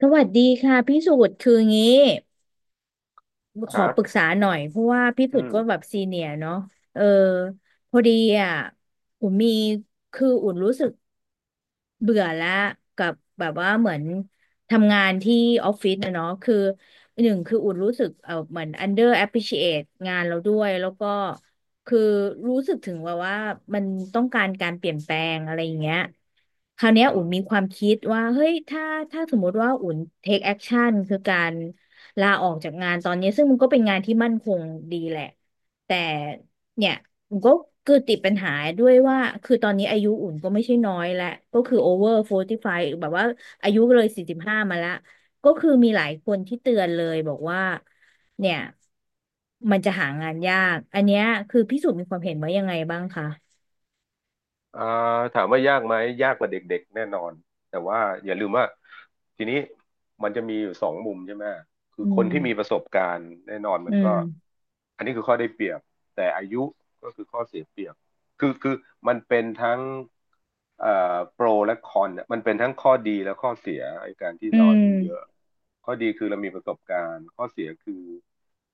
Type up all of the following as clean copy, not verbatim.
สวัสดีค่ะพี่สุดคืองี้ขคอรัปรึกบษาหน่อยเพราะว่าพี่อืสุดก็แบมบซีเนียร์เนาะเออพอดีอ่ะอุ่นมีคืออุ่นรู้สึก เบื่อแล้วกับแบบว่าเหมือนทำงานที่ออฟฟิศนะเนาะคือหนึ่งคืออุ่นรู้สึกเออเหมือน under appreciate งานเราด้วยแล้วก็คือรู้สึกถึงว่ามันต้องการการเปลี่ยนแปลงอะไรอย่างเงี้ยคราวเนี้ยอือุ่นมีมความคิดว่าเฮ้ยถ้าสมมติว่าอุ่น take action คือการลาออกจากงานตอนนี้ซึ่งมันก็เป็นงานที่มั่นคงดีแหละแต่ เนี่ยอุ่นก็คือติดปัญหาด้วยว่าคือตอนนี้อายุอุ่นก็ไม่ใช่น้อยแล้วก็คือโอเวอร์โฟร์ีสิบห้ไฟแบบว่าอายุเลยสี่สิบห้ามาแลวก็คือมีหลายคนที่เตือนเลยบอกว่าเนี่ยมันจะหางานยากอันเนี้ยคือพี่สุมีความเห็นว่ายังไงบ้างคะเอ่อถามว่ายากไหมยากกว่าเด็กๆแน่นอนแต่ว่าอย่าลืมว่าทีนี้มันจะมีอยู่สองมุมใช่ไหม คืออืคนมที่มีประสบการณ์แน่นอนมัอืนก็มอันนี้คือข้อได้เปรียบแต่อายุก็คือข้อเสียเปรียบคือมันเป็นทั้งเอ่อโปรและคอนเนี่ยมันเป็นทั้งข้อดีและข้อเสียไอ้การที่อืเราอามยุเยอะข้อดีคือเรามีประสบการณ์ข้อเสียคือ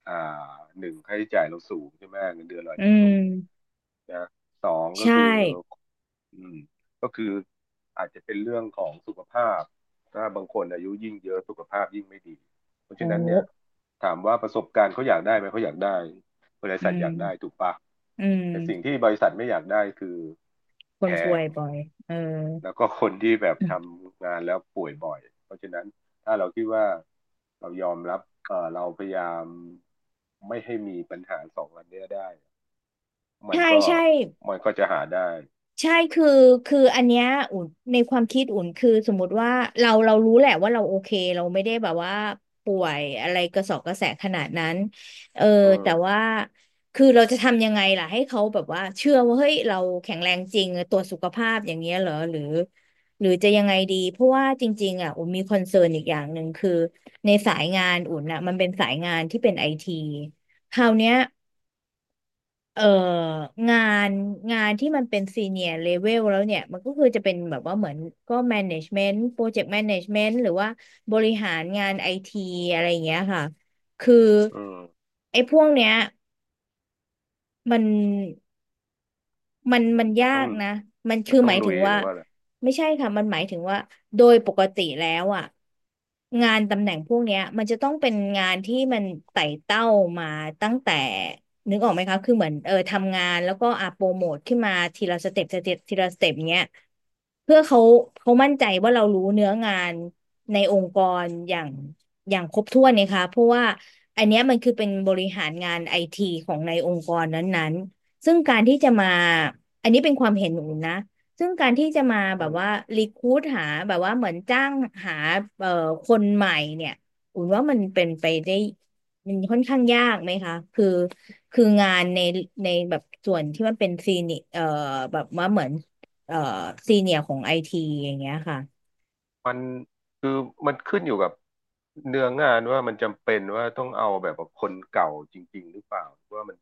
อ่าหนึ่งค่าใช้จ่ายเราสูงใช่ไหมเงินเดือนเราอาอืจจะมสูง นะสองก็ใช่คืออืมก็คืออาจจะเป็นเรื่องของสุขภาพถ้าบางคนอายุยิ่งเยอะสุขภาพยิ่งไม่ดีเพราะโอ้ฉะนั้นเนี่ยถามว่าประสบการณ์เขาอยากได้ไหมเขาอยากได้บริอืษัทอมยากได้ถูกปะอืมแต่สิ่งที่บริษัทไม่อยากได้คือคแพนป่วงยบ่อยเออแล้วก็คนที่แบบทำงานแล้วป่วยบ่อยเพราะฉะนั้นถ้าเราคิดว่าเรายอมรับเราพยายามไม่ให้มีปัญหาสองอันเนี้ยได้มันใช่ก็ใช่ มันก็จะหาได้ ใช่คือคืออันเนี้ยอุ่นในความคิดอุ่นคือสมมติว่าเรารู้แหละว่าเราโอเคเราไม่ได้แบบว่าป่วยอะไรกระสอบกระแสขนาดนั้นเอออืมแต่ว่าคือเราจะทำยังไงล่ะให้เขาแบบว่าเชื่อว่าเฮ้ยเราแข็งแรงจริงตรวจสุขภาพอย่างเงี้ยเหรอหรือหรือจะยังไงดีเพราะว่าจริงๆอ่ะอุ่นมีคอนเซิร์นอีกอย่างหนึ่งคือในสายงานอุ่นอ่ะมันเป็นสายงานที่เป็นไอทีคราวเนี้ย เอ่องานงานที่มันเป็นซีเนียร์เลเวลแล้วเนี่ยมันก็คือจะเป็นแบบว่าเหมือนก็แมネจเมนต์โปรเจกต์แมเนจเมนต์หรือว่าบริหารงานไอทีอะไรอย่างเงี้ยค่ะคืออืมไอ้พวกเนี้ยมัน มันมันมันมันยาต้องกนะมันมัคืนอต้อหงมายลุถึยงหว่ารือว่าอะไรไม่ใช่ค่ะมันหมายถึงว่าโดยปกติแล้วอ่ะงานตำแหน่งพวกเนี้ยมันจะต้องเป็นงานที่มันไต่เต้ามาตั้งแต่นึกออกไหมคะคือเหมือนเออทำงานแล้วก็อ่ะโปรโมทขึ้นมาทีละสเต็ปสเต็ปทีละสเต็ปเนี้ยเพื่อเขามั่นใจว่าเรารู้เนื้องานในองค์กรอย่างครบถ้วนเนี่ยค่ะเพราะว่าอันเนี้ยมันคือเป็นบริหารงานไอทีของในองค์กรนั้น ซึ่งการที่จะมาอันนี้เป็นความเห็นอหนูนะซึ่งการที่จะมาอืแบบว่ามรีคูดหาแบบว่าเหมือนจ้างหาเอ่อคนใหม่เนี่ยอุ่นว่ามันเป็นไปได้มันค่อนข้างยากไหมคะคือคืองานในแบบส่วนที่มันเป็นซีเนียแบบว่าเหมือนเอ่อซีเนียของไอทีอย่างเงี้ยค่ะมัน คือ มันขึ้นอยู่กับเนื้องานว่ามันจำเป็นว่าต้องเอาแบบว่าคนเก่าจริงๆหรือเปล่าหรือว่ามัน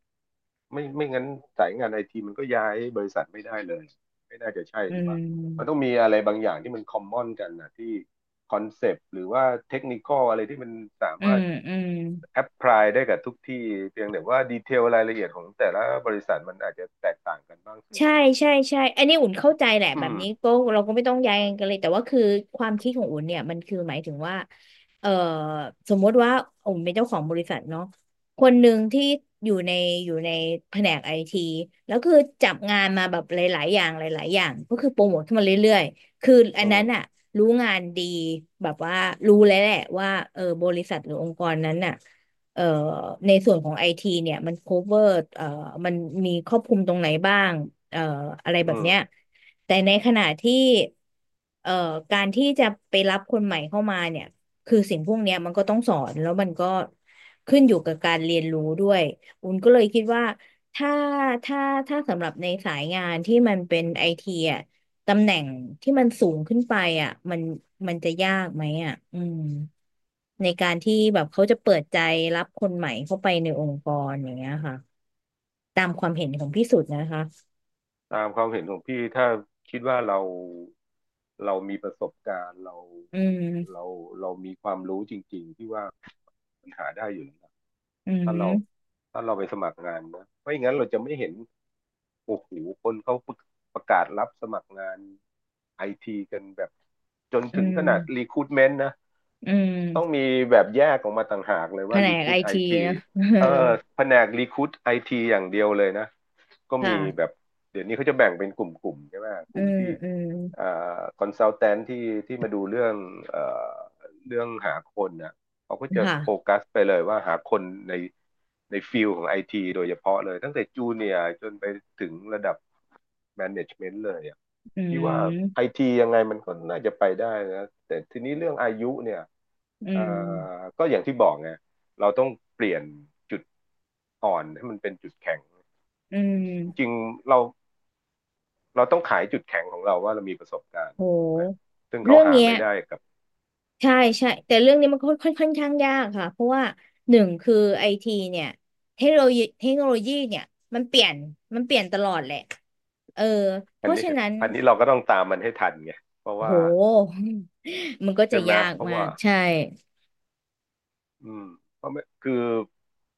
ไม่งั้นสายงานไอทีมันก็ย้ายบริษัทไม่ได้เลยไม่น่าจะใช่อืถูกปะมันต้องมมีอะไรบางอย่างที่มันคอมมอนกันนะที่คอนเซปต์หรือว่าเทคนิคอลอะไรที่มันสาอืมารถมอืม แอพพลายได้กับทุกที่เพียงแต่ว่าดีเทลรายละเอียดของแต่ละบริษัทมันอาจจะแตกต่างกันบ้างซึ่ง ใช่ใช่ใช่ อันนี้อุ่นเข้าใจแหละอืแบบนี้มก็เราก็ไม่ต้องย้ายกันเลยแต่ว่าคือความคิดของอุ่นเนี่ยมันคือหมายถึงว่าเอ่อสมมติว่าอุ่นเป็นเจ้าของบริษัทเนาะคนหนึ่งที่อยู่ในอยู่ในแผนกไอทีแล้วคือจับงานมาแบบหลายๆอย่างหลายๆอย่างก็คือโปรโมทขึ้นมาเรื่อยๆคืออัอืนนั้นอะมรู้งานดีแบบว่ารู้แล้วแหละว่าเออบริษัทหรือองค์กรนั้นน่ะ เอ่อในส่วนของไอทีเนี่ยมัน cover เอ่อมันมีครอบคลุมตรงไหนบ้างเอ่ออะไรแบอืบเนี้ยมแต่ในขณะที่เอ่อการที่จะไปรับคนใหม่เข้ามาเนี่ยคือสิ่งพวกเนี้ยมันก็ต้องสอนแล้วมันก็ขึ้นอยู่กับการเรียนรู้ด้วยอุ่นก็เลยคิดว่าถ้าถ้าถ้าสำหรับในสายงานที่มันเป็นไอทีอ่ะ ตำแหน่งที่มันสูงขึ้นไปอ่ะมันจะยากไหมอ่ะอืมในการที่แบบเขาจะเปิดใจรับคนใหม่เข้าไปในองค์กรอย่างเงี้ยค่ะตามความเห็นของพี่สุดนะคะตามความเห็นของพี่ถ้าคิดว่าเรามีประสบการณ์เราอืมเราเรามีความรู้จริงๆที่ว่าปัญหาได้อยู่แล้วนะอืถ้าเรามถ้าเราไปสมัครงานนะไม่อย่างนั้นเราจะไม่เห็นโอ้โหคนเขาประกาศรับสมัครงานไอทีกันแบบจนอืถึงขมนาดรีคู i เมน t นะ อืต้องมมีแบบแยกออกมาต่างหากเลยแผว่า นกไอ Recruit ไอทีทีนะ เออเออแผนก Recruit ไอทีอย่างเดียวเลยนะก็มีแบค่ะบเดี๋ยวนี้เขาจะแบ่งเป็นกลุ่มๆใช่ไหมกอืลุ่มมที่อืมเอ่คอนซัลแทนที่มาดูเรื่องเอ่อเรื่องหาคนนะ เขาก็จะโฟค่ะกัสไปเลยว่าหาคนในในฟิลของไอทีโดยเฉพาะเลยตั้งแต่จูเนียร์จนไปถึงระดับแมネจเมนต์เลยอะอืพี่ว่าไอมทียังไงมันก็น่าจะไปได้นะแต่ทีนี้เรื่องอายุเนี่ยอืเอ่อมก็อย่างที่บอกไงเราต้องเปลี่ยนจุดอ่อนให้มันเป็นจุดแข็งอืจริงมๆเราเราต้องขายจุดแข็งของเราว่าเรามีประสบการโณ์ถูกไหมหซึ่งเขาเรื่องหาเนี้ย ไม่ได้กับใช่ใช่แต่เรื่องนี้มันค่อนข้างยากค่ะเพราะว่าหนึ่งคือไอทีเนี่ยเทคโนโลยีเนี่ยมันเปลี่ยนมันเปลี่ยนตลอดแหละเออเพอันราะนี้ฉะนั้นอันนี้เราก็ต้องตามมันให้ทันไงเพราะโห ว่า มันก็ใช่จะไหมยากเพราะมาว่ากใช่อืมเพราะไม่คือ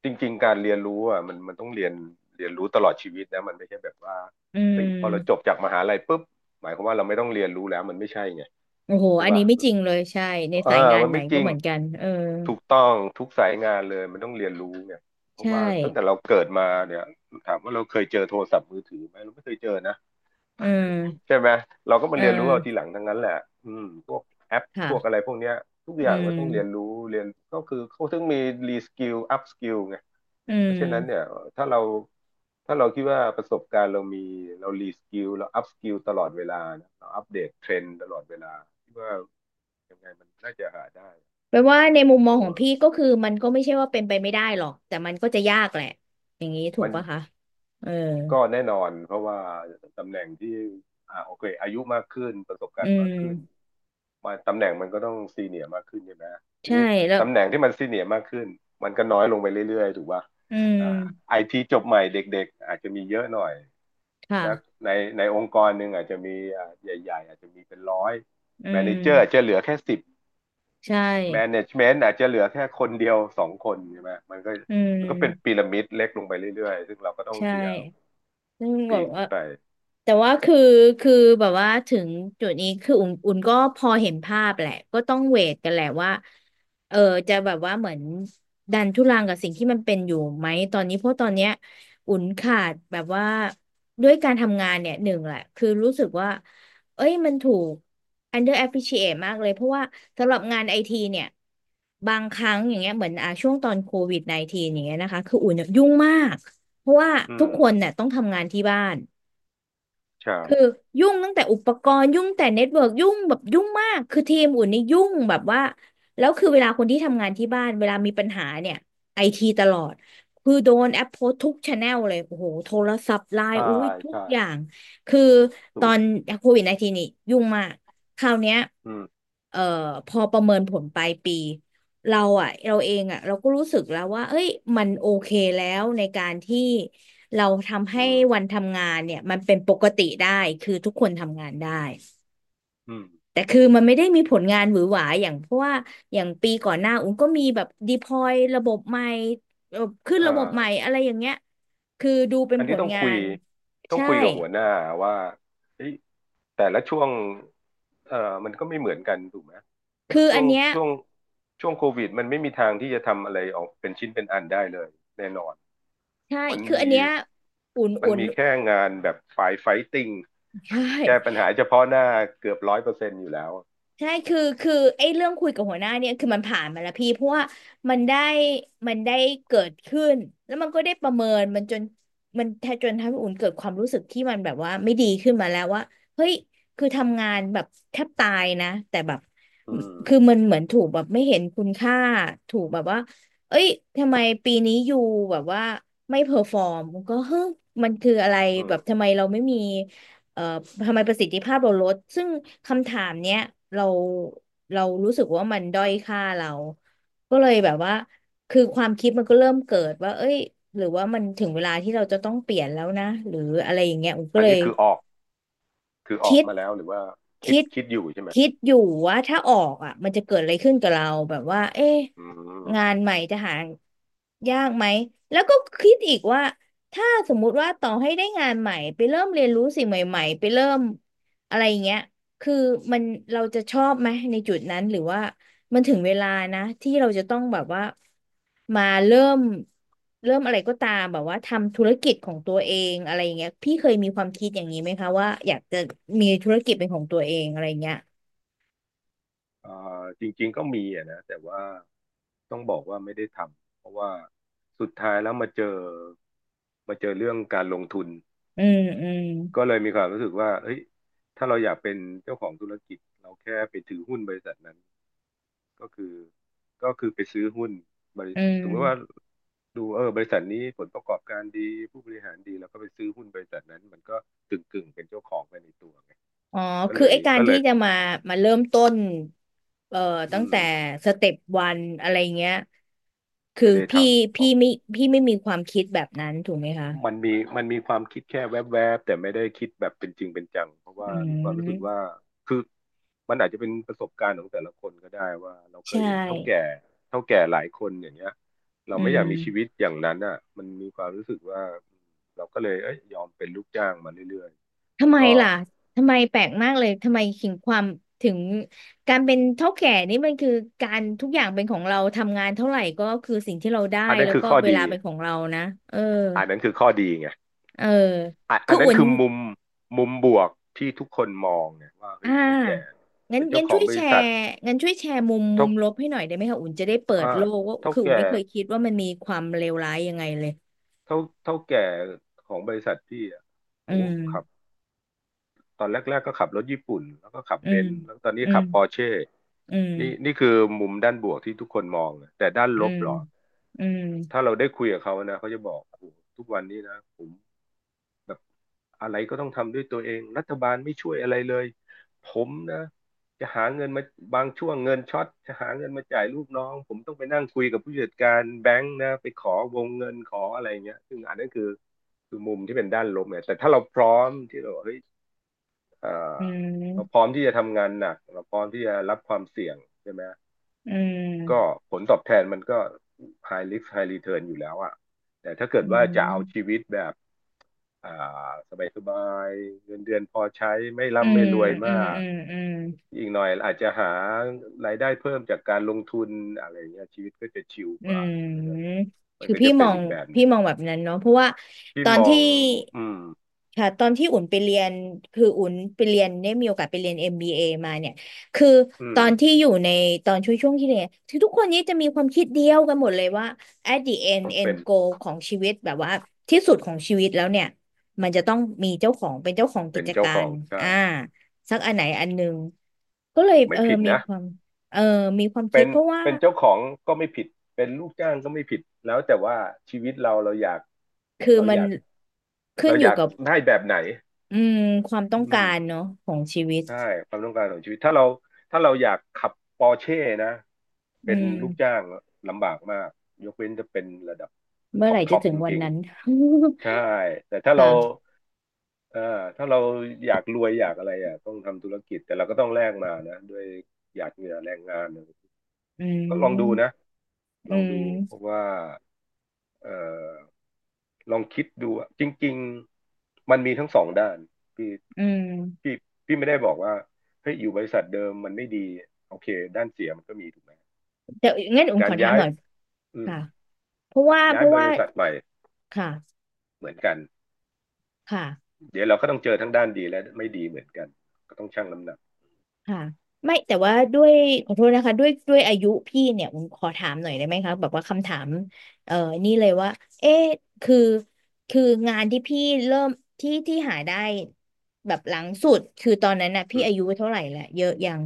จริงๆการเรียนรู้อ่ะมันต้องเรียนรู้ตลอดชีวิตนะมันไม่ใช่แบบว่าอืเฮ้ยพอเราจบมจากมหาลัยปุ๊บหมายความว่าเราไม่ต้องเรียนรู้แล้วมันไม่ใช่ไงโอ้โหใช่อันป่ะนี้ไม่จริงเลยใช่ในเออสายงานมันไหนไม่จก็ริงเหมือนกันเออถูกต้องทุกสายงานเลยมันต้องเรียนรู้เนี่ยเพราะใช่ว่าตั้งแต่เราเกิดมาเนี่ยถามว่าเราเคยเจอโทรศัพท์มือถือไหมเราไม่เคยเจอนะ อืมใช่ไหมเราก็มาเอเรียนรู้เอาทีหอลังทั้งนั้นแหละอืมพวกแอปพวกอะไรค่ะพวกเนี้ยทุกออืย่างก็ต้องเรียนรู้มเรียนก็คือเขาถึงมีรีสกิลอัพสกิลไงอืเพราะฉะนั้นเนี่ยม ถ้าเราถ้าเราคิดว่าประสบการณ์เรามีเรารีสกิลเราอัพสกิลตลอดเวลานะเราอัปเดตเทรนด์ตลอดเวลาคิดว่ายังไงมันน่าจะหาได้แปลว่าในมุมเพมองราะของว่าพี่ก็คือมันก็ไม่ใช่ว่าเป็นไปไม่ได้หรอกแต่มันก็จะยากแหละอย่างนี้ถูมักนปะคะเออก็แน่นอนเพราะว่าตำแหน่งที่โอเคอายุมากขึ้นประสบกาอืรณ์มากขึ้น มมาตำแหน่งมันก็ต้องซีเนียร์มากขึ้นใช่ไหมทีใช่นี้แล้วตำแหน่งที่มันซีเนียร์มากขึ้นมันก็น้อยลงไปเรื่อยๆถูกป่ะอืมอ่าไอทีจบใหม่เด็กๆอาจจะมีเยอะหน่อยค่ะสักในในองค์กรหนึ่งอาจจะมีใหญ่ๆอาจจะมีเป็นร้อยอืแมเนเจอร์อาจจะมเหลือแค่สิบใช่แมเนจเมนต์อาจจะเหลือแค่คนเดียวสองคนใช่ไหมมันก็อืมันก็เป็นมพีระมิดเล็กลงไปเรื่อยๆซึ่งเราก็ต้องใช่พยายามซึ่งแบปีบนว่า ขึ้นไปแต่ว่าคือคือแบบว่าถึงจุดนี้คืออุ่นอุ่นก็พอเห็นภาพแหละก็ต้องเวทกันแหละว่าเออจะแบบว่าเหมือนดันทุรังกับสิ่งที่มันเป็นอยู่ไหมตอนนี้เพราะตอนเนี้ยอุ่นขาดแบบว่าด้วยการทำงานเนี่ยหนึ่งแหละคือรู้สึกว่า เอ้ยมันถูก under appreciate มากเลยเพราะว่าสำหรับงานไอทีเนี่ยบางครั้งอย่างเงี้ยเหมือนอ่ะช่วงตอนโควิด -19 อย่างเงี้ยนะคะคืออุ่นเนี่ยยุ่งมากเพราะว่าอืทุมกคนเนี่ยต้องทำงานที่บ้าน ใช่คือยุ่งตั้งแต่อุปกรณ์ยุ่งแต่เน็ตเวิร์กยุ่งแบบยุ่งมากคือทีมอุ่นนี่ยุ่งแบบว่าแล้วคือเวลาคนที่ทำงานที่บ้านเวลามีปัญหาเนี่ยไอทีตลอดคือโดนแอปโพสทุกช n แนลเลยโอ้โหโทรศัพท์ไลใช่น์อุ้ยทุกใช่อย่างคือตถูอนกโควิดไอทีนี่ยุ่งมากคราวเนี้ยอืมเอ่อพอประเมินผลปลายปีเราอะเราเองอะเราก็รู้สึกแล้วว่าเอ้ยมันโอเคแล้วในการที่ เราทำให้อืวันมทำงานเนี่ยมันเป็นปกติได้คือทุกคนทำงานได้อืมแต่คือมันไม่ได้มีผลงานหวือหวาอย่างเพราะว่าอย่างปีก่อนหน้าอุ้งก็มีแบบดีพลอยระบบใหม่ขึ้นเอ่ระบบใหม่อ อะไรอย่างเงี้ยคือดูเป็นอันผที่ลต้องงาคุยนต้องใช่คุยกับหัวหน้าว่าเฮ้ยแต่ละช่วงเอ่อมันก็ไม่เหมือนกันถูกไหมเพราะคืออันเนี้ยช่วงช่วงโควิดมันไม่มีทางที่จะทำอะไรออกเป็นชิ้นเป็นอันได้เลยแน่นอนใช่มันคือมีอันเนี้ยอุ่นมันอุ่นมีแค่งานแบบฝ่ายไฟติ้งใช่ แก้ปัญหาเฉพาะหน้าเกือบ100%อยู่แล้วใช่คือไอ้เรื่องคุยกับหัวหน้าเนี่ยคือมันผ่านมาแล้วพี่เพราะว่ามันได้มันได้เกิดขึ้นแล้วมันก็ได้ประเมินมันจนมันแทจนทำให้อุ่นเกิดความรู้สึกที่มันแบบว่าไม่ดีขึ้นมาแล้วว่าเฮ้ยคือทำงานแบบแทบตายนะแต่แบบอืมคือมันเหมือนถูกแบบไม่เห็นคุณค่าถูกแบบว่าเอ้ยทำไมปีนี้อยู่แบบว่าไม่เพอร์ฟอร์มก็เฮ้ยมันคืออะไรอืแบมบทำไมเราไม่มี เอ่อทำไมประสิทธิภาพเราลดซึ่งคำถามเนี้ยเราเรารู้สึกว่ามันด้อยค่าเรา ก็เลยแบบว่าคือความคิดมันก็เริ่มเกิดว่าเอ้ยหรือว่ามันถึงเวลาที่เราจะต้องเปลี่ยนแล้วนะหรืออะไรอย่างเงี้ยอุ๋มก็อันเลนี้ย คือออกคิดมาแล้วหรือว่าคิดคิดคิดอยู่ใช่ไหมคิดอยู่ว่าถ้าออกอ่ะมันจะเกิดอะไรขึ้นกับเราแบบว่าเอ๊ะอืงาม นใหม่จะหายากไหมแล้วก็คิดอีกว่าถ้าสมมุติว่าต่อให้ได้งานใหม่ไปเริ่มเรียนรู้สิ่งใหม่ๆไปเริ่มอะไรอย่างเงี้ยคือมันเราจะชอบไหมในจุดนั้นหรือว่า มันถึงเวลานะที่เราจะต้องแบบว่ามาเริ่มอะไรก็ตามแบบว่าทำธุรกิจของตัวเองอะไรอย่างเงี้ยพี่เคยมีความคิดอย่างนี้ไหมคะว่าอยากจะมีธุรกิจเป็นของตัวเองอะไรอย่างเงี้ยเอ่อจริงๆก็มีอะนะแต่ว่าต้องบอกว่าไม่ได้ทำเพราะว่าสุดท้ายแล้วมาเจอเรื่องการลงทุนอืมอืมก็เลยมีความรู้สึกว่าเฮ้ยถ้าเราอยากเป็นเจ้าของธุรกิจเราแค่ไปถือหุ้นบริษัทนั้นก็คือก็คือไปซื้อหุ้นบริอืสมมติว่ามดูเออบริษัทนี้ผลประกอบการดีผู้บริหารดีแล้วก็ไปซื้อหุ้นบริษัทนั้นมันก็กึ่งๆเป็นเจ้าของไปในตัวไงอ๋อก็คืเลอยไอ้การก็เลที่ยจะมาเริ่มต้นเอ่ออืตั้งมแต่สเต็ปวันอะไรเงี้ยคืไม่อได้ทำ พี่ไม่พี่ไม่มีความคิดแบบนั้นถูกไหมคะมันมีมันมีความคิดแค่แวบๆแต่ไม่ได้คิดแบบเป็นจริงเป็นจังเพราะว่าอืมีความรู้สึกว่ามคือมันอาจจะเป็นประสบการณ์ของแต่ละคนก็ได้ว่าเราเคยใช่เห็นเฒ่าแก่หลายคนอย่างเงี้ยเราอืไม่อม ยากมีชีวิตอย่างนั้นอ่ะมันมีความรู้สึกว่าเราก็เลยเอ้ยยอมเป็นลูกจ้างมาเรื่อยๆแล้ทำวไมก็ล่ะทำไมแปลกมากเลยทำไมถึงความถึงการเป็นเฒ่าแก่นี่มันคือการทุกอย่างเป็นของเราทำงานเท่าไหร่ก็คือสิ่งที่เราได้อันนั้นแล้วคือก็ข้อเวดีลาเป็นของเรานะเอออันนั้นคือข้อดีไงเอออ่ะอัคืนอนั้นอุ่นคือมุมบวกที่ทุกคนมองเนี่ยว่าเฮ้อ่ยเฒ่าแก่างั้เป็นนเจ้างั้นขอช่งวยบแชริษัทร์มุเฒ่ามลบให้หน่อยได้ไหมคะอุ่นจะได้เปิอ่าดโลกว่าเท่าคืออุ่แก่ นไม่เคยคิดว่ามันมีความเลวร้ายยังไงเลยเท่าเท่าแก่ของบริษัทพี่อะอืโอ้มขับตอนแรกๆก็ขับรถญี่ปุ่นแล้วก็ขับอืเบมนซ์แล้วตอนนี้อืขัมบปอร์เช่อืนี่มนี่คือมุมด้านบวกที่ทุกคนมองนะแต่ด้านอืลบมเหรออืมถ้าเราได้คุยกับเขานะเขาจะบอกโอ้ทุกวันนี้นะผม แบบอะไรก็ต้องทำด้วยตัวเองรัฐบาลไม่ช่วยอะไรเลยผมนะจะหาเงินมาบางช่วงเงินช็อตจะหาเงินมาจ่ายลูกน้องผมต้องไปนั่งคุยกับผู้จัดการแบงค์นะไปขอวงเงินขออะไรเงี้ยซึ่งอันนั้นคือมุมที่เป็นด้านลบเนี่ยแต่ถ้าเราพร้อมที่เราเฮ้ยเอ่ออืเราพมร้อมที่จะทำงานหนักเราพร้อมที่จะรับความเสี่ยงใช่ไหม อืก็มผลตอบแทนมันก็ high risk high return อยู่แล้วอะแต่ถ้าเกิดอืว่าจะเอาชีม วิตแบบอ่าสบายสบายเงินเดือนพอใช้ไม่อืร่ำไม่มรวยอืมามกอืมอืมอีกหน่อยอาจจะหารายได้เพิ่มจากการลงทุนอะไรเงี้ยชีวิตก็จะชิลอืกว่ามันก็จะมมันคือก็พี่จะมเป็นองอีกแบบหพี่นึ่งมองแบบนั้นเนาะเพราะว่าที่ตอมนอที่งอืมค่ะตอนที่อุ่นไปเรียนคืออุ่นไปเรียนได้มีโอกาสไปเรียน MBA มบีเอมาเนี่ยคืออืตมอนที่อยู่ในตอนช่วงที่เรียนคือทุกคนนี้จะมีความคิดเดียวกันหมดเลยว่า at the end ต้องเป็ end น goal ของชีวิตแบบว่าที่สุดของชีวิตแล้วเนี่ยมันจะต้องมีเจ้าของเป็นเจ้าของกิเป็นจเจ้ากาขอรงใช่อ่าสักอันไหนอันหนึ่ง ก็เลยไม่เออผิดมีนะความเออมีความเป็คิดนเพราะว่าเป็นเจ้าของก็ไม่ผิดเป็นลูกจ้างก็ไม่ผิดแล้วแต่ว่าชีวิตเราเราอยากคือเรามัอนยาก ขึ้นเราออยู่ยากกับได้แบบไหนอืมความต้ออืงกามรเนาะของชีวิตใช่ความต้องการของชีวิต ถ้าเราอยากขับปอร์เช่นะ เป็อืนลูกมจ้างลำบากมาก ยกเว้นจะเป็นระดับเมื่ท็ออไหปร่ท็จะอปถึจงวันริงนั้น ๆใช่ แต่ถ้า เราค่ะเอ่อถ้าเราอยากรวยอยากอะไรอ่ะต้องทำธุรกิจ แต่เราก็ต้องแลกมานะด้วยหยาดเหงื่อแรงงานอืก็ลองดูนะ มลอืองดูเพมราะว่าเอ่อ ลองคิดดูอะจริงๆมันมีทั้งสองด้านพี่อืมพี่พี่ไม่ได้บอกว่าเฮ้ยอยู่บริษัทเดิมมันไม่ดีโอเคด้านเสียมันก็มีถูกไหมแต่งั้นอุ๋มกาขรอถาย้ามยหน่อยอืมค่ะเพราะว่าย้ายบริษัทใหม่ค่ะเหมือนกันค่ะ เดี๋ยวเราก็ต้องเจอทั้งด้านดีและไม่ดีเหมือนกันก็ต้องชั่งน้ำหนักค่ะไม่แต่ว่าด้วยขอโทษนะคะด้วยอายุพี่เนี่ยผมขอถามหน่อยได้ไหมคะแบบว่าคำถามเอ่อนี่เลยว่าเอ๊ะคือคืองานที่พี่เริ่มที่หาได้แบบหลังสุดคือตอนนั้นน่ะอืพี่อามยุเท่าไหร่ละเยอะยัง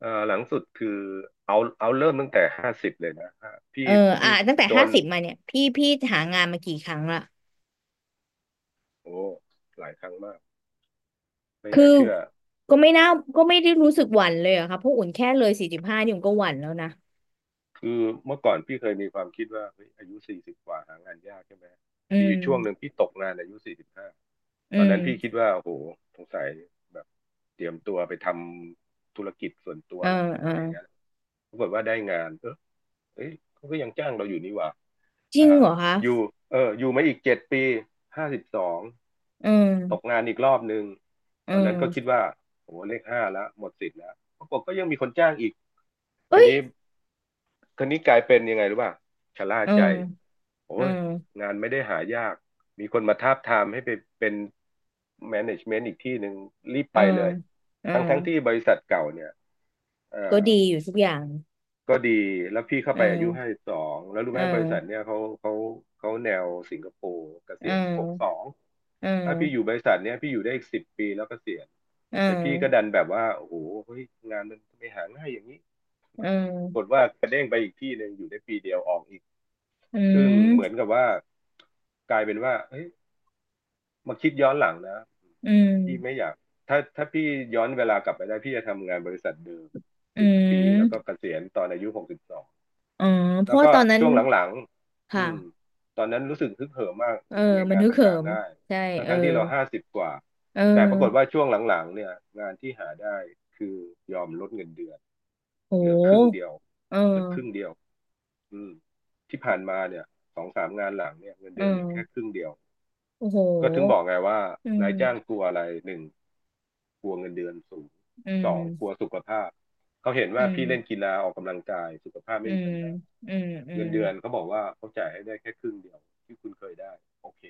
หลังสุดคือเอาเริ่มตั้งแต่ห้าสิบเลยนะฮะพี่เอออ่ะพี่ตั้งแต่โดห้านสิบมาเนี่ยพี่หางานมากี่ครั้งละโอ้หลายครั้งมากไม่คือน่าเชื่อ ก็ไม่น่าก็ไม่ได้รู้สึกหวั่นเลยอะค่ะเพราะอุ่นแค่เลยสี่สิบห้านี่อุ่นก็หวั่นแล้วนะคือเมื่อก่อนพี่เคยมีความคิดว่าเฮ้ยอายุ40 กว่าหางานยากใช่ไหมอืมีอยู่ช่วงหนึ่งมพี่ตกงานอายุ45อืตอนนั้นพี่คิดมว่าโอ้โหสงสัยแบบเตรียมตัวไปทำธุรกิจส่วนตัวเออแล้วมั้งเอออะไรเงี้ยปรากฏว่าได้งานเออเอ้ยเขาก็ยังจ้างเราอยู่นี่หว่า จริงอ่าเหรอคะอยู่เอออยู่มาอีก7 ปี52อืมตกงานอีกรอบหนึ่งตอือนนั้นก็คิดม ว่าโอ้โหเลขห้าแล้วหมดสิทธิ์แล้วปรากฏก็ยังมีคนจ้างอีกคัเอ้นยนี้คันนี้กลายเป็นยังไงรู้ป่ะชะล่าอืใจมอืโอ้ยมงานไม่ได้หายากมีคนมาทาบทามให้ไปเป็นแมネจเมนต์อีกที่หนึ่งรีบอืไปมเลยอืทั้งมทั้งที่บริษัทเก่าเนี่ยเอ่ก็อ ดีอยู่ทุกอย่างก็ดีแล้วพี่เข้าอืไปอายุห้ามสิบสองแล้วรู้ไหอืมบริษัทมเนี่ยเขาแนวสิงคโปร์เกษีอืยณหกสอมงอืถ้าพี่อยู่มบริษัทเนี่ยพี่อยู่ได้อีกสิบปีแล้วเกษียณอืแต่พี่ก็ดัมนแบบว่าโอ้โหเฮ้ยงานมันไม่หาง่ายอย่างนี้อืปรากฏมว่ากระเด้งไปอีกที่หนึ่งอยู่ได้ปีเดียวออกอีกอืซึ่งเหมือนมกับว่ากลายเป็นว่าเฮ้ยมาคิดย้อนหลังนะอืมพี่ไม่อยากถ้าพี่ย้อนเวลากลับไปได้พี่จะทำงานบริษัทเดิมอืสิบปีแล้วก็เกมษียณตอนอายุ62 อ๋อเพแล้วราะว่าก็ตอนนั้นช่วงหลังๆค่ะ ตอนนั้นรู้สึกฮึกเหิมมากเออ ทำไมมันงานฮึกมันเหิหามง่ายใช่ ทั้งเออทั้งที่เราห้าสิบกว่า เอแต่ปรากฏอว่าช่วงหลังๆเนี่ยงานที่หาได้คือยอมลดเงินเดือนโเหลือครึ่งเดีหยวเเหลือครึ่งออเดียวอืมที่ผ่านมาเนี่ยสองสามงานหลังเนี่ยเงินเออเดือนเหลือแค่ครึ่งเดียว โอ้โหก็ถึงบอกไงว่าอืนามยจ้างกลัวอะไรหนึ่งกลัวเงินเดือนสูงอืสองกลัวมสุขภาพเขาเห็นอืว่าพี่มเล่นกีฬาออกกำลังกายสุขภาพอืไม่มีมปัญหาอืมอืเงิม นเดือนเขาบอกว่าเขาจ่ายให้ได้แค่ครึ่งเดียวที่คุณเคยได้โอเค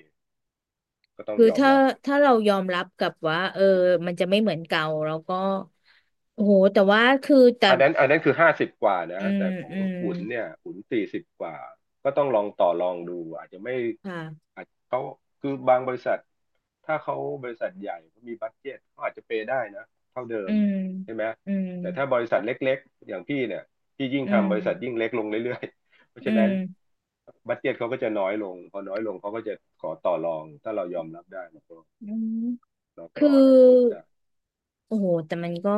ก็ต้องคือยอมถ้ารับ ถ้าเรายอมรับกับว่าเออมันจะไม่เหมือนเก่าแล้วก็โอ้โหแต่ว่าคือแต่อันนั้นคือห้าสิบกว่านะอืแต่มของอืมอุ่นเนี่ยอุ้น40 กว่าก็ต้องลองต่อรองดูอาจจะไม่ค่ะอาจเขาคือบางบริษัทถ้าเขาบริษัทใหญ่เขามีบัดเจ็ตเขาอาจจะเปย์ได้นะเท่าเดิอืมมใช่ไหมอืมแต่ถ้าบริษัทเล็กๆอย่างพี่เนี่ยพี่ยิ่งอืทำมบริษัทยิ่งเล็กลงเรื่อยๆ เพราะอืฉะนั้นมบัดเจ็ตเขาก็จะน้อยลงพอน้อยลงเขาก็จะขอต่อรองถ้าเรายอมรับได้เราก็อืมเราคือก็ accept ได้โอ้โหแต่มันก็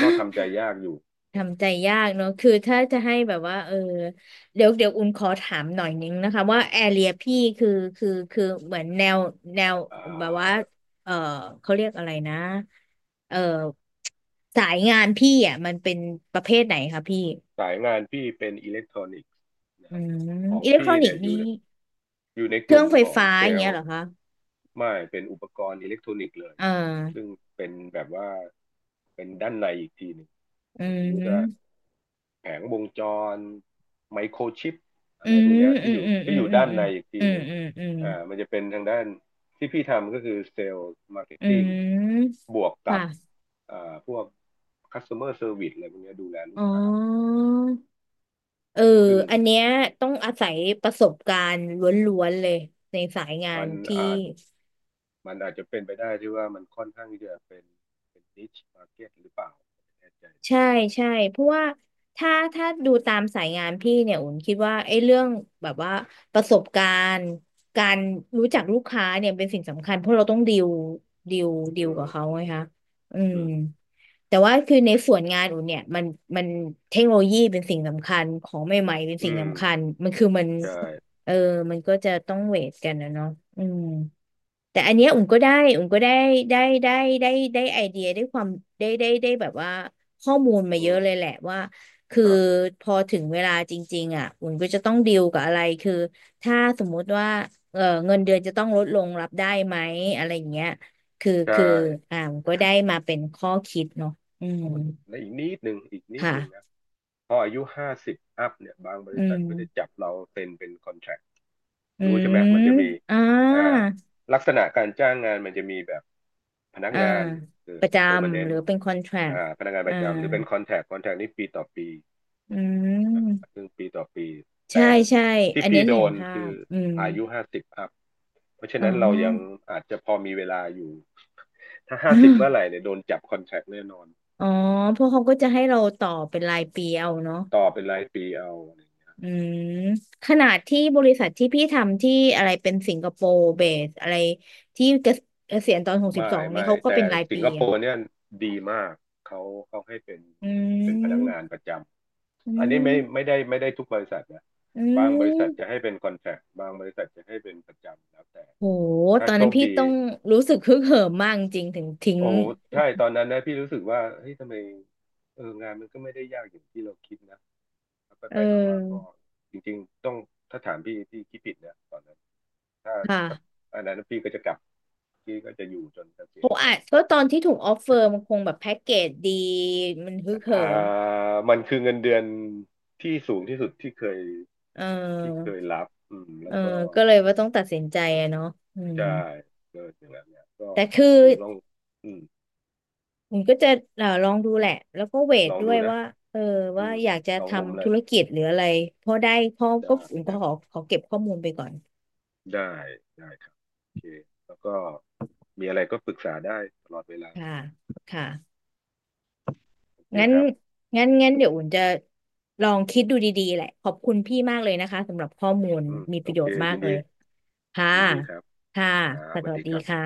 ก็ทำใจ ยากอยู่ทำใจยากเนอะ คือถ้าจะให้แบบว่าเออเดี๋ยวอุ่นขอถามหน่อยนึงนะคะว่าแอเรียพี่คือคือเหมือนแนวแนวอ่แบบว่าา เออเขาเรียกอะไรนะเออสายงานพี่อ่ะมันเป็นประเภทไหนคะพี่สายงานพี่เป็นอิเล็กทรอนิกส์อืนะมของอิเล็กทพี่รอนิเนี่กยส์อนี่ยู่ในอยู่ในเคกรื่อลุ่มงไฟของฟ้าเซอย่างลเงี้ยล์เหรอคะไม่เป็นอุปกรณ์อิเล็กทรอนิกส์เลยอ่ซึ่งาเป็นแบบว่าเป็นด้านในอีกทีหนึ่งอือย่างสมมุติว่ามแผงวงจรไมโครชิปอะอืไรพวกมเนี้ยอืที่อมยู่อืมที่อือมยู่อืมด้านอืในมอีกทีอืหมนึ่งอืมอืมมันจะเป็นทางด้านที่พี่ทำก็คือเซลล์มาร์เก็ตอืติ้งมบวกกับค่ะพวก customer service อะไรพวกเนี้ยดูแลลูอ๋กค้าอ เออซึ่ง อันเนี้ยต้องอาศัยประสบการณ์ล้วนๆเลยในสายงามันนที่อาจมันอาจจะเป็นไปได้ที่ว่ามันค่อนข้างที่จะเป็น niche market หรือเปล่าไม่แน่ใจนะใช่ใช่เพราะว่าถ้าถ้าดูตามสายงานพี่เนี่ยอุ่นคิดว่าไอ้เรื่องแบบว่าประสบการณ์การรู้จักลูกค้าเนี่ยเป็นสิ่งสำคัญเพราะเราต้องดีลดีลดีอืลกับเขามไงคะอืมอืมแต่ว่าคือในส่วนงานอุ่นเนี่ยมันเทคโนโลยีเป็นสิ่งสำคัญของใหม่ๆเป็นสิ่อืงมสำคัญมันคือมันใช่เออมันก็จะต้องเวทกันนะเนาะอืม แต่อันเนี้ยอุ่มก็ได้ได้ได้ได้ได้ไอเดียได้ความได้ได้ได้แบบว่าข้อมูลมาอืเยมอะเลยแหละว่าคือครับพอถึงเวลาจริงๆอ่ะอุ่มก็จะต้องดีลกับอะไรคือถ้าสมมุติว่าเออเงินเดือนจะต้องลดลงรับได้ไหมอะไรอย่างเงี้ยคือ ใช่คืออ่าอุ่มก็ได้มาเป็นข้อคิดเนาะอืมและอีกนิดหนึ่งนะค่ะพออายุห้าสิบอัพเนี่ยบางบอืริษัทมก็จะจับเราเซ็นเป็นคอนแท c t อืรู้ใช่ไหมมมันจะมีอ่าอ่าลักษณะการจ้างงานมันจะมีแบบพนักอ่างานคือ ประจำห permanent รือเป็นคอนแทรคอ่าพนักงานปอ่าระจำหรือเป็น contract c o n t r a c t นี่ปีต่อปี อืม ซึ่งปีต่อปีใช่แต่ใช่ ที่อันพี่นี้โดเห็นนภาคือพอืมอายุห้าสิบอัพเพราะฉะอ๋อ นั้นเรายังอาจจะพอมีเวลาอยู่ถ้าห้าสิบเมื่อไหร่เนี่ ยโดนจับคอนแทคแน่นอนอ๋อ เพราะเขาก็จะให้เราต่อเป็นรายปีเอาเนาะต่อเป็นรายปีเอารอืมขนาดที่บริษัทที่พี่ทำที่อะไรเป็นสิงคโปร์เบสอะไรที่เกษียณตอนหกสิบไม่สองนี่ไม่เขาก็แต่เป็นรายสิงปีคโปอะร์เนี่ยดีมากเขาเขาให้เป็นอืเป็นพนักงานปมระจอืำอันนี้ไม่ไม่มได้ไม่ได้ทุกบริษัทนะอืบางบริษัทจะมให้เป็นคอนแทคบางบริษัทจะให้เป็นประจำแล้วแต่โหถ้าตอนโชนั้นคพี่ดี ต้องรู้สึกฮึกเหิมมากจริงๆถึงทิ้งโอ้ใช่ตอนนั้นนะพี่รู้สึกว่าเฮ้ยทำไมเอองานมันก็ไม่ได้ยากอย่างที่เราคิดนะแล้วไปเไปมามาก็ออจริงๆต้องถ้าถามพี่พี่คิดผิดนะตอนนั้นถ้าถ้าค่ะ อันนั้นพี่ก็จะกลับพี่ก็จะอยู่จนเกษีโหยณนั่นแหอาละจก็ตอนที่ถูกออฟเฟอร์มันคงแบบแพ็กเกจดีมันฮึกเหิอ่ามมันคือเงินเดือนที่สูงที่สุดที่เคยเที่เคออยรับอืมแล้เอวอก็ก็เลยว่าต้องตัดสินใจอะเนาะอืมใช่เกิดอย่างนั้นเนี่ยก็แต่คืออืมลองอืมผมก็จะลองดูแหละแล้วก็เวทลองด้วดูยนะว่าเอออืว่ามอยากจะลองมุมแหทำธุละรกิจหรืออะไรพอได้ข้อไก็อุ่นก็ด้ ขอเก็บข้อมูลไปก่อนได้ได้ครับโอเคแล้วก็มีอะไรก็ปรึกษาได้ตลอดเวลาค่ะค่ะโอเคงั้นครับงั้นเดี๋ยวอุ่นจะลองคิดดูดีๆแหละขอบคุณพี่มากเลยนะคะสำหรับข้อมูลอืมมีปโอระโยเคชน์มายิกนดีเลยค่ะยินดีครับค่ะอ่าสสวัสวัดีสดีครับค่ะ